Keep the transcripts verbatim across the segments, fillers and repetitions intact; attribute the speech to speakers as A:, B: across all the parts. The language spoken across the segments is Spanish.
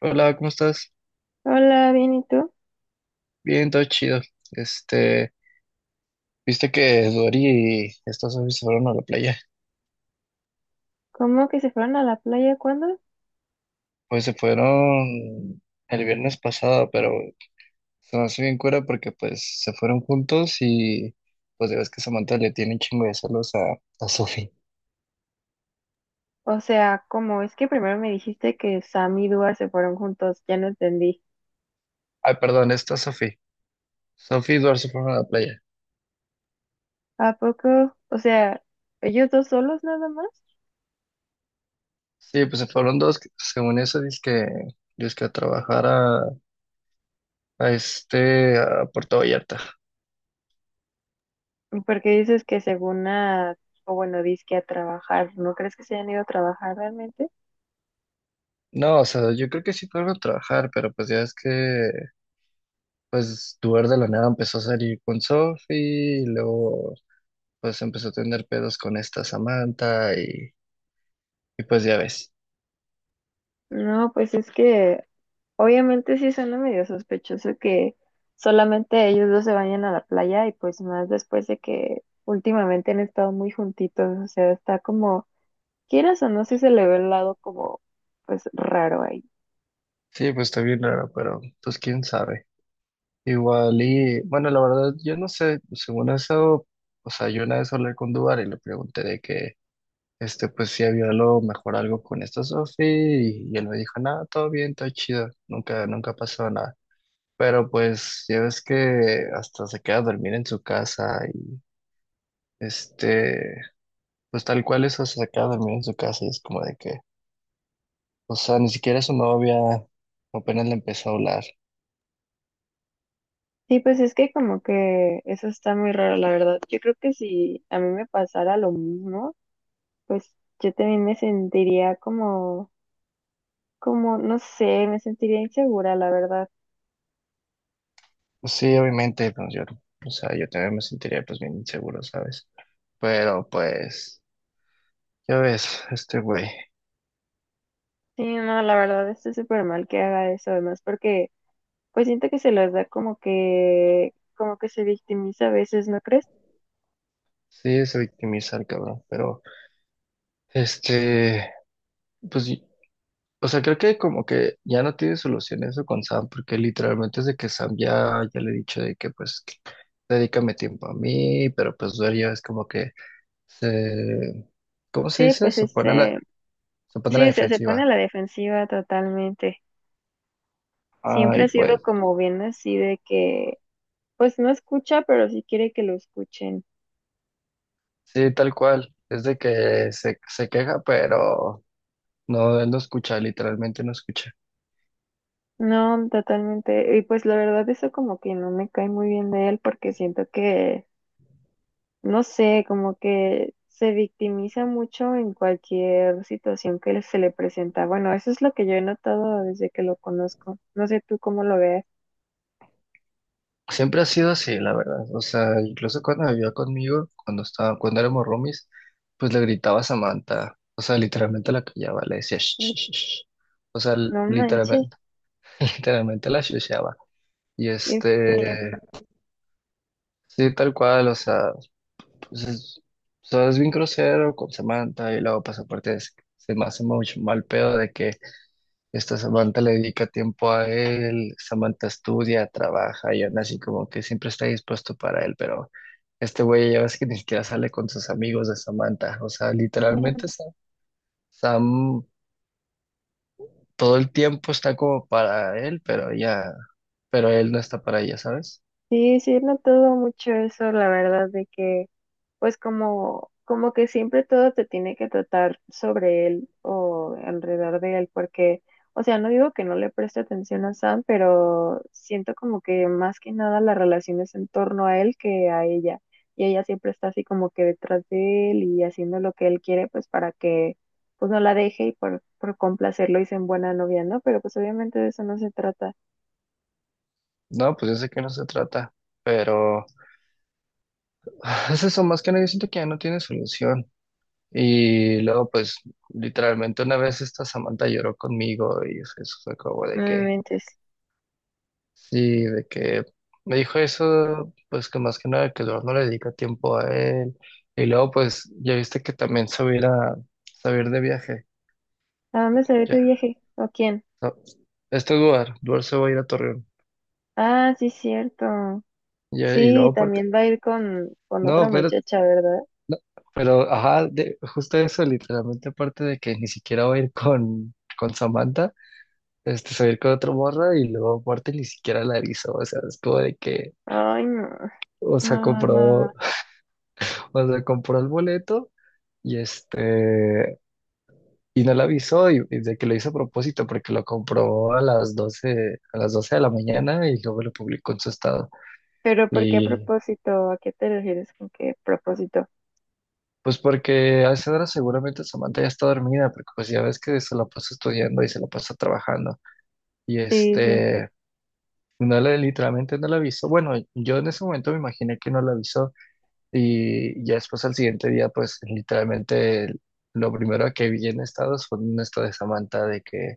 A: Hola, ¿cómo estás?
B: Hola, bien, ¿y tú?
A: Bien, todo chido. Este, viste que Dori y estos hombres se fueron a la playa.
B: ¿Cómo que se fueron a la playa cuándo?
A: Pues se fueron el viernes pasado, pero se me hace bien cura porque pues se fueron juntos y pues ya ves que Samantha le tiene un chingo de celos a, a Sophie.
B: O sea, ¿cómo? Es que primero me dijiste que Sam y Dua se fueron juntos, ya no entendí.
A: Ay, perdón, esta Sophie. Sophie y Eduardo se fueron a la playa.
B: ¿A poco? O sea, ¿ellos dos solos nada más?
A: Sí, pues se fueron dos, que según eso, dice que, que a trabajar a, a este, a Puerto Vallarta.
B: Porque dices que según a, o bueno, dizque a trabajar, ¿no crees que se hayan ido a trabajar realmente?
A: No, o sea, yo creo que sí fueron a trabajar, pero pues ya es que pues Duer de la nada empezó a salir con Sophie y luego pues empezó a tener pedos con esta Samantha y, y pues ya ves.
B: No, pues es que obviamente sí suena medio sospechoso que solamente ellos dos se vayan a la playa y pues más después de que últimamente han estado muy juntitos, o sea, está como quieras o no, sí se le ve el lado como, pues, raro ahí.
A: Sí, pues está bien raro, pero pues quién sabe. Igual y bueno, la verdad yo no sé, según eso, o sea, yo una vez hablé con Duar y le pregunté de que este pues si había a lo mejor algo con esta Sophie y, y él me dijo, nada, todo bien, todo chido, nunca, nunca pasó nada. Pero pues ya ves que hasta se queda a dormir en su casa y este Pues tal cual eso se acaba de dormir en su casa y es como de que, o sea, ni siquiera su novia apenas le empezó a hablar.
B: Sí, pues es que como que eso está muy raro, la verdad. Yo creo que si a mí me pasara lo mismo, pues yo también me sentiría como, como, no sé, me sentiría insegura, la verdad.
A: Pues sí, obviamente, pues yo, o sea, yo también me sentiría pues bien inseguro, ¿sabes? Pero pues, ya ves, este güey,
B: Sí, no, la verdad está súper mal que haga eso, además, porque pues siento que se los da como que, como que se victimiza a veces, ¿no crees?
A: sí se victimiza el cabrón, pero este, pues, y- o sea, creo que como que ya no tiene solución eso con Sam, porque literalmente desde que Sam ya, ya le he dicho de que pues, dedícame tiempo a mí, pero pues Duer ya es como que se, ¿cómo se
B: Sí,
A: dice?
B: pues
A: Se pone a la,
B: este,
A: se pone a
B: sí,
A: la
B: o sea, se pone a
A: defensiva.
B: la defensiva totalmente. Siempre
A: Ay,
B: ha sido
A: pues,
B: como bien así de que, pues no escucha, pero sí quiere que lo escuchen.
A: sí, tal cual. Es de que se, se queja, pero no, él no escucha, literalmente no escucha.
B: No, totalmente. Y pues la verdad eso como que no me cae muy bien de él porque siento que, no sé, como que se victimiza mucho en cualquier situación que le- se le presenta. Bueno, eso es lo que yo he notado desde que lo conozco. No sé tú cómo lo veas.
A: Siempre ha sido así, la verdad. O sea, incluso cuando vivía conmigo, cuando estaba, cuando éramos roomies, pues le gritaba a Samantha. O sea, literalmente la callaba, le decía "Shh,
B: Y
A: shh, shh, shh". O sea,
B: no manches,
A: literalmente, literalmente la shusheaba. Y
B: qué
A: este, sí, tal cual, o sea. Entonces, solo es bien grosero con Samantha y luego, pues aparte es- se me hace mucho mal pedo de que esta Samantha le dedica tiempo a él, Samantha estudia, trabaja y aún así como que siempre está dispuesto para él, pero este güey ya ves que ni siquiera sale con sus amigos de Samantha, o sea,
B: feo.
A: literalmente Sam, Sam todo el tiempo está como para él, pero ella, pero él no está para ella, ¿sabes?
B: Sí, sí, he notado mucho eso, la verdad, de que pues como, como que siempre todo te tiene que tratar sobre él o alrededor de él, porque, o sea, no digo que no le preste atención a Sam, pero siento como que más que nada la relación es en torno a él que a ella, y ella siempre está así como que detrás de él y haciendo lo que él quiere, pues para que pues no la deje y por, por complacerlo dicen buena novia, ¿no? Pero pues obviamente de eso no se trata.
A: No, pues yo sé que no se trata, pero es eso, más que nada, yo siento que ya no tiene solución. Y luego, pues, literalmente una vez esta Samantha lloró conmigo y eso fue como
B: No
A: de
B: me
A: que,
B: mentes.
A: sí, de que me dijo eso, pues que más que nada que luego no le dedica tiempo a él. Y luego, pues, ya viste que también se va a ir a, se va a ir de viaje.
B: ¿A dónde se ve tu
A: Ya,
B: viaje? ¿O quién?
A: no, Este Duar, Duar se va a ir a Torreón.
B: Ah, sí, cierto.
A: Ya, y luego
B: Sí,
A: aparte,
B: también va a ir con, con otra
A: no, pero,
B: muchacha, ¿verdad?
A: pero, ajá, de- justo eso, literalmente aparte de que ni siquiera va a ir con, con Samantha. Este, salir con otra morra y luego aparte ni siquiera la avisó, o sea, es como de que,
B: Ay, no.
A: o sea,
B: No, no, no, no.
A: compró, o sea, compró el boleto y este, y no la avisó y, y de que lo hizo a propósito porque lo compró a las doce a las doce de la mañana y luego lo publicó en su estado.
B: Pero ¿por qué
A: Y
B: propósito? ¿A qué te refieres con qué propósito?
A: pues porque a esa hora seguramente Samantha ya está dormida, porque pues ya ves que se la pasa estudiando y se la pasa trabajando. Y
B: Sí, sí.
A: este... No le, literalmente no la avisó. Bueno, yo en ese momento me imaginé que no la avisó, y ya después al siguiente día, pues literalmente lo primero que vi en estados fue un estado de Samantha de que,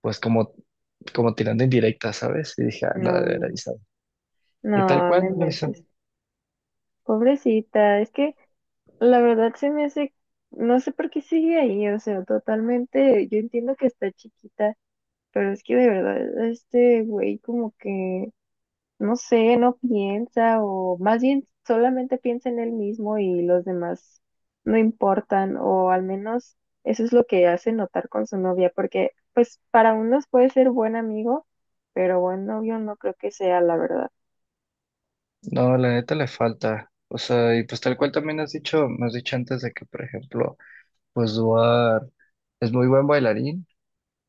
A: pues como, como tirando indirecta, ¿sabes? Y dije, ah, no la
B: No,
A: debe haber
B: no,
A: avisado. Y tal
B: no, me
A: cual no lo hizo.
B: inventes. Pobrecita, es que la verdad se me hace, no sé por qué sigue ahí, o sea, totalmente, yo entiendo que está chiquita, pero es que de verdad, este güey como que no sé, no piensa o más bien solamente piensa en él mismo y los demás no importan o al menos eso es lo que hace notar con su novia porque pues para unos puede ser buen amigo, pero buen novio no creo que sea la verdad.
A: No, la neta le falta. O sea, y pues tal cual también has dicho, me has dicho antes de que, por ejemplo, pues Duar es muy buen bailarín,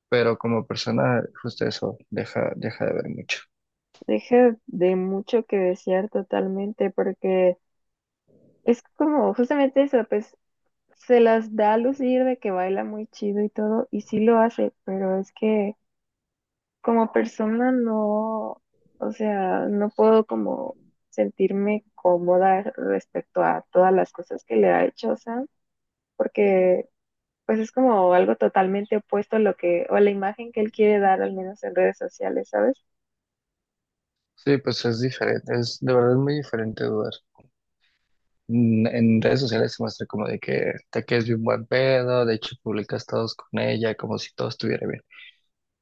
A: pero como persona, justo eso, deja, deja de ver mucho.
B: Deja de mucho que desear totalmente porque es como justamente eso, pues se las da a lucir de que baila muy chido y todo y sí lo hace, pero es que... como persona no, o sea, no puedo como sentirme cómoda respecto a todas las cosas que le ha hecho Sam, porque pues es como algo totalmente opuesto a lo que, o a la imagen que él quiere dar, al menos en redes sociales, ¿sabes?
A: Sí, pues es diferente, es de verdad es muy diferente Duar. mm, En redes sociales se muestra como de que te quedes bien buen pedo, de hecho publicas todos con ella, como si todo estuviera bien.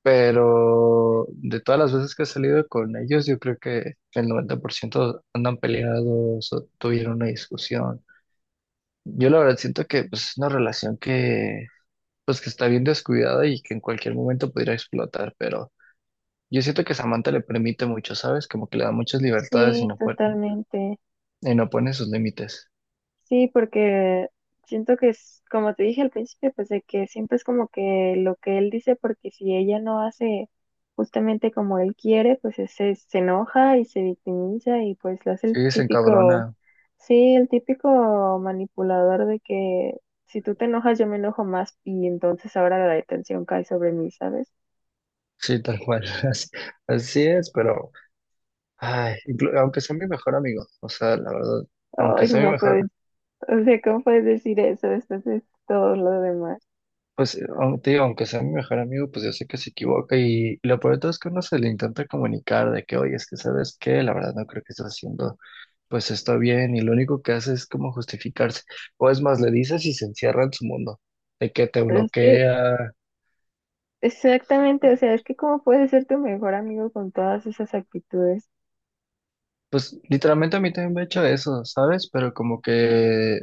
A: Pero de todas las veces que he salido con ellos, yo creo que el noventa por ciento andan peleados o tuvieron una discusión. Yo la verdad siento que pues, es una relación que, pues, que está bien descuidada y que en cualquier momento pudiera explotar, pero yo siento que Samantha le permite mucho, ¿sabes? Como que le da muchas libertades y
B: Sí,
A: no, pone-
B: totalmente.
A: y no pone sus límites.
B: Sí, porque siento que es, como te dije al principio, pues de que siempre es como que lo que él dice, porque si ella no hace justamente como él quiere, pues es- se, se enoja y se victimiza y pues lo hace el
A: Sí, se
B: típico,
A: encabrona.
B: sí, el típico manipulador de que si tú te enojas yo me enojo más y entonces ahora la detención cae sobre mí, ¿sabes?
A: Sí, tal cual. Así, así es, pero ay, inclu- aunque sea mi mejor amigo, o sea, la verdad, aunque
B: Ay,
A: sea mi
B: no puedes,
A: mejor,
B: o sea, ¿cómo puedes decir eso después de todo lo demás?
A: pues eh, aun- te digo, aunque sea mi mejor amigo, pues yo sé que se equivoca y y lo peor de todo es que uno se le intenta comunicar de que, oye, es que sabes qué, la verdad no creo que estés haciendo pues está bien y lo único que hace es como justificarse. O es más, le dices y se encierra en su mundo, de que te
B: Pero es que
A: bloquea.
B: exactamente, o sea, es que cómo puedes ser tu mejor amigo con todas esas actitudes.
A: Pues literalmente a mí también me ha hecho eso, ¿sabes? Pero como que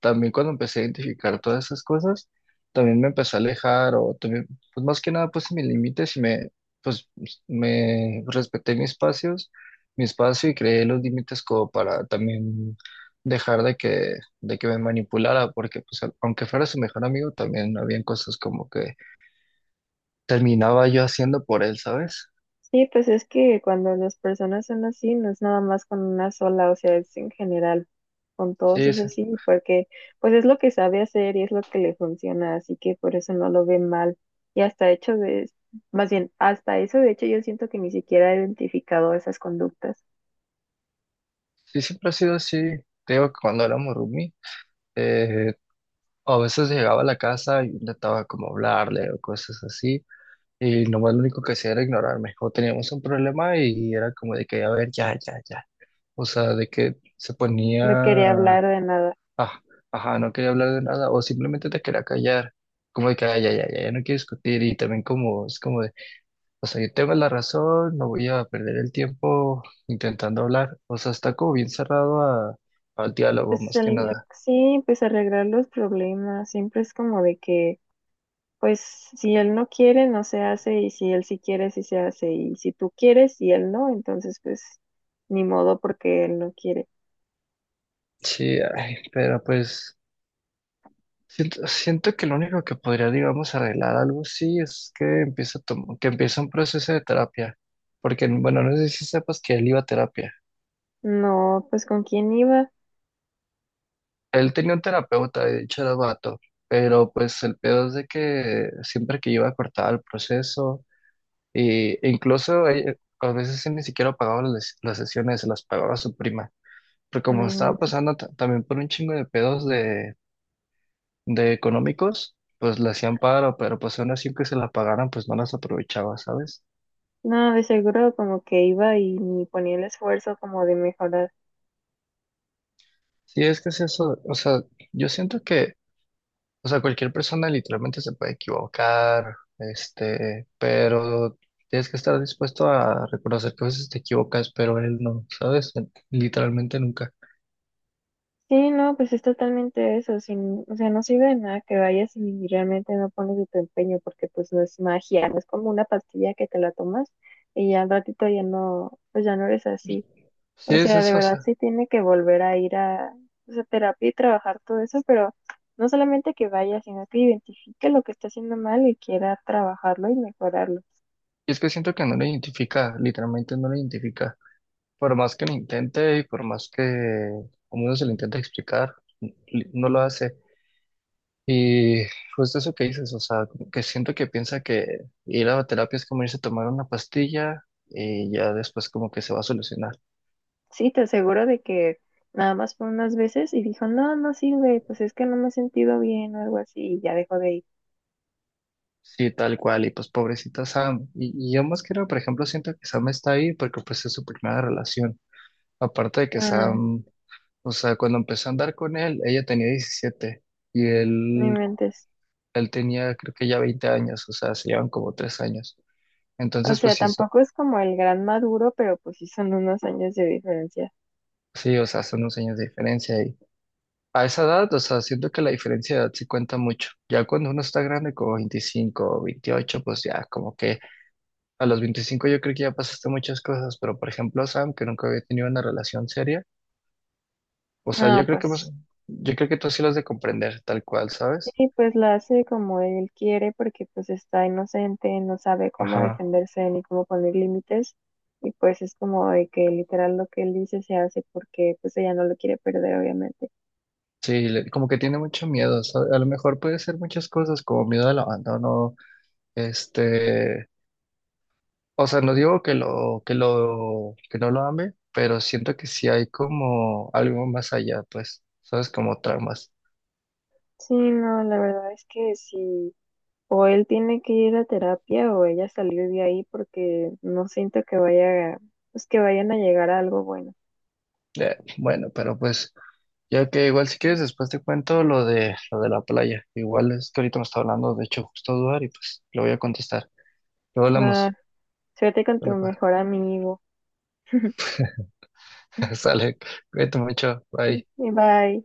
A: también cuando empecé a identificar todas esas cosas, también me empecé a alejar o también, pues más que nada puse mis límites y me, pues me respeté mis espacios, mi espacio y creé los límites como para también dejar de que, de que me manipulara, porque pues al- aunque fuera su mejor amigo, también habían cosas como que terminaba yo haciendo por él, ¿sabes?
B: Sí, pues es que cuando las personas son así, no es nada más con una sola, o sea, es en general, con todos
A: Sí,
B: es
A: sí,
B: así, porque pues es lo que sabe hacer y es lo que le funciona, así que por eso no lo ve mal. Y hasta hecho de, más bien, hasta eso, de hecho, yo siento que ni siquiera he identificado esas conductas.
A: sí, siempre ha sido así, te digo que cuando éramos roomie, eh, a veces llegaba a la casa y intentaba como hablarle o cosas así, y nomás lo único que hacía era ignorarme. O teníamos un problema y era como de que, a ver, ya, ya, ya. O sea, de que se ponía,
B: No quería hablar de nada.
A: ah, ajá, no quería hablar de nada. O simplemente te quería callar. Como de que, "Ah, ya, ya, ya, ya no quiero discutir." Y también como, es como de, o sea, yo tengo la razón, no voy a perder el tiempo intentando hablar. O sea, está como bien cerrado a, al diálogo,
B: Pues
A: más que
B: el-
A: nada.
B: sí, pues arreglar los problemas, siempre es como de que pues si él no quiere, no se hace, y si él sí quiere, sí se hace, y si tú quieres y él no, entonces pues ni modo porque él no quiere.
A: Sí, ay, pero pues. Siento, siento que lo único que podría, digamos, arreglar algo así es que empiece a tom- que empiece un proceso de terapia. Porque, bueno, no sé si sepas que él iba a terapia.
B: No, pues ¿con quién iba?
A: Él tenía un terapeuta, de hecho era vato, pero pues el pedo es de que siempre que iba cortaba el proceso y, e incluso eh, a veces él ni siquiera pagaba las, las sesiones, se las pagaba a su prima. Pero
B: No
A: como estaba
B: inventes.
A: pasando ta- también por un chingo de pedos de económicos, pues le hacían paro, pero pues aún así que se la pagaran, pues no las aprovechaba, ¿sabes?
B: No, de seguro como que iba y ni ponía el esfuerzo como de mejorar.
A: Sí, es que es eso, o sea, yo siento que, o sea, cualquier persona literalmente se puede equivocar, este, pero tienes que estar dispuesto a reconocer que a veces te equivocas, pero él no, ¿sabes? Literalmente nunca.
B: Sí, no, pues es totalmente eso, sin, o sea, no sirve de nada que vayas y realmente no pones de tu empeño porque pues no es magia, no es como una pastilla que te la tomas y ya al ratito ya no, pues ya no eres así.
A: Sí,
B: O
A: es
B: sea, de
A: eso, o
B: verdad
A: sea,
B: sí tiene que volver a ir a esa terapia y trabajar todo eso, pero no solamente que vaya, sino que identifique lo que está haciendo mal y quiera trabajarlo y mejorarlo.
A: y es que siento que no lo identifica, literalmente no lo identifica, por más que lo intente y por más que, como uno se lo intenta explicar, li- no lo hace. Y justo eso que dices, o sea, como que siento que piensa que ir a terapia es como irse a tomar una pastilla y ya después como que se va a solucionar.
B: Sí, te aseguro de que nada más fue unas veces y dijo, no, no sirve, pues es que no me he sentido bien o algo así y ya dejó de ir.
A: Sí, tal cual, y pues pobrecita Sam. Y, y yo más que nada, por ejemplo, siento que Sam está ahí porque pues es su primera relación. Aparte de que
B: Mm,
A: Sam, o sea, cuando empezó a andar con él, ella tenía diecisiete y
B: no
A: él,
B: inventes.
A: él tenía creo que ya veinte años, o sea, se llevan como tres años.
B: O
A: Entonces, pues
B: sea,
A: sí, so-
B: tampoco es como el gran Maduro, pero pues sí son unos años de diferencia.
A: sí, o sea, son unos años de diferencia. A esa edad, o sea, siento que la diferencia de edad sí cuenta mucho. Ya cuando uno está grande, como veinticinco, o veintiocho, pues ya como que a los veinticinco yo creo que ya pasaste muchas cosas, pero por ejemplo, Sam, que nunca había tenido una relación seria, o sea, yo
B: No,
A: creo que más-
B: pues.
A: yo creo que tú sí lo has de comprender tal cual, ¿sabes?
B: Sí, pues la hace como él quiere porque pues está inocente, no sabe cómo
A: Ajá.
B: defenderse ni cómo poner límites y pues es como de que literal lo que él dice se hace porque pues ella no lo quiere perder obviamente.
A: Sí, le- como que tiene mucho miedo, ¿sabes? A lo mejor puede ser muchas cosas, como miedo al abandono, este, O sea, no digo que lo, que lo, que no lo ame, pero siento que sí hay como algo más allá, pues, sabes, como tramas.
B: Sí, no, la verdad es que sí, o él tiene que ir a terapia o ella salir de ahí porque no siento que vaya, pues que vayan a llegar a algo bueno.
A: Eh, bueno, pero pues, ya que igual si quieres después te cuento lo de lo de la playa. Igual es que ahorita me está hablando, de hecho, justo Duar, y pues lo voy a contestar. Luego
B: Va,
A: hablamos.
B: suerte con tu
A: Sale, pues.
B: mejor amigo.
A: Sale, cuídate mucho, bye.
B: Bye.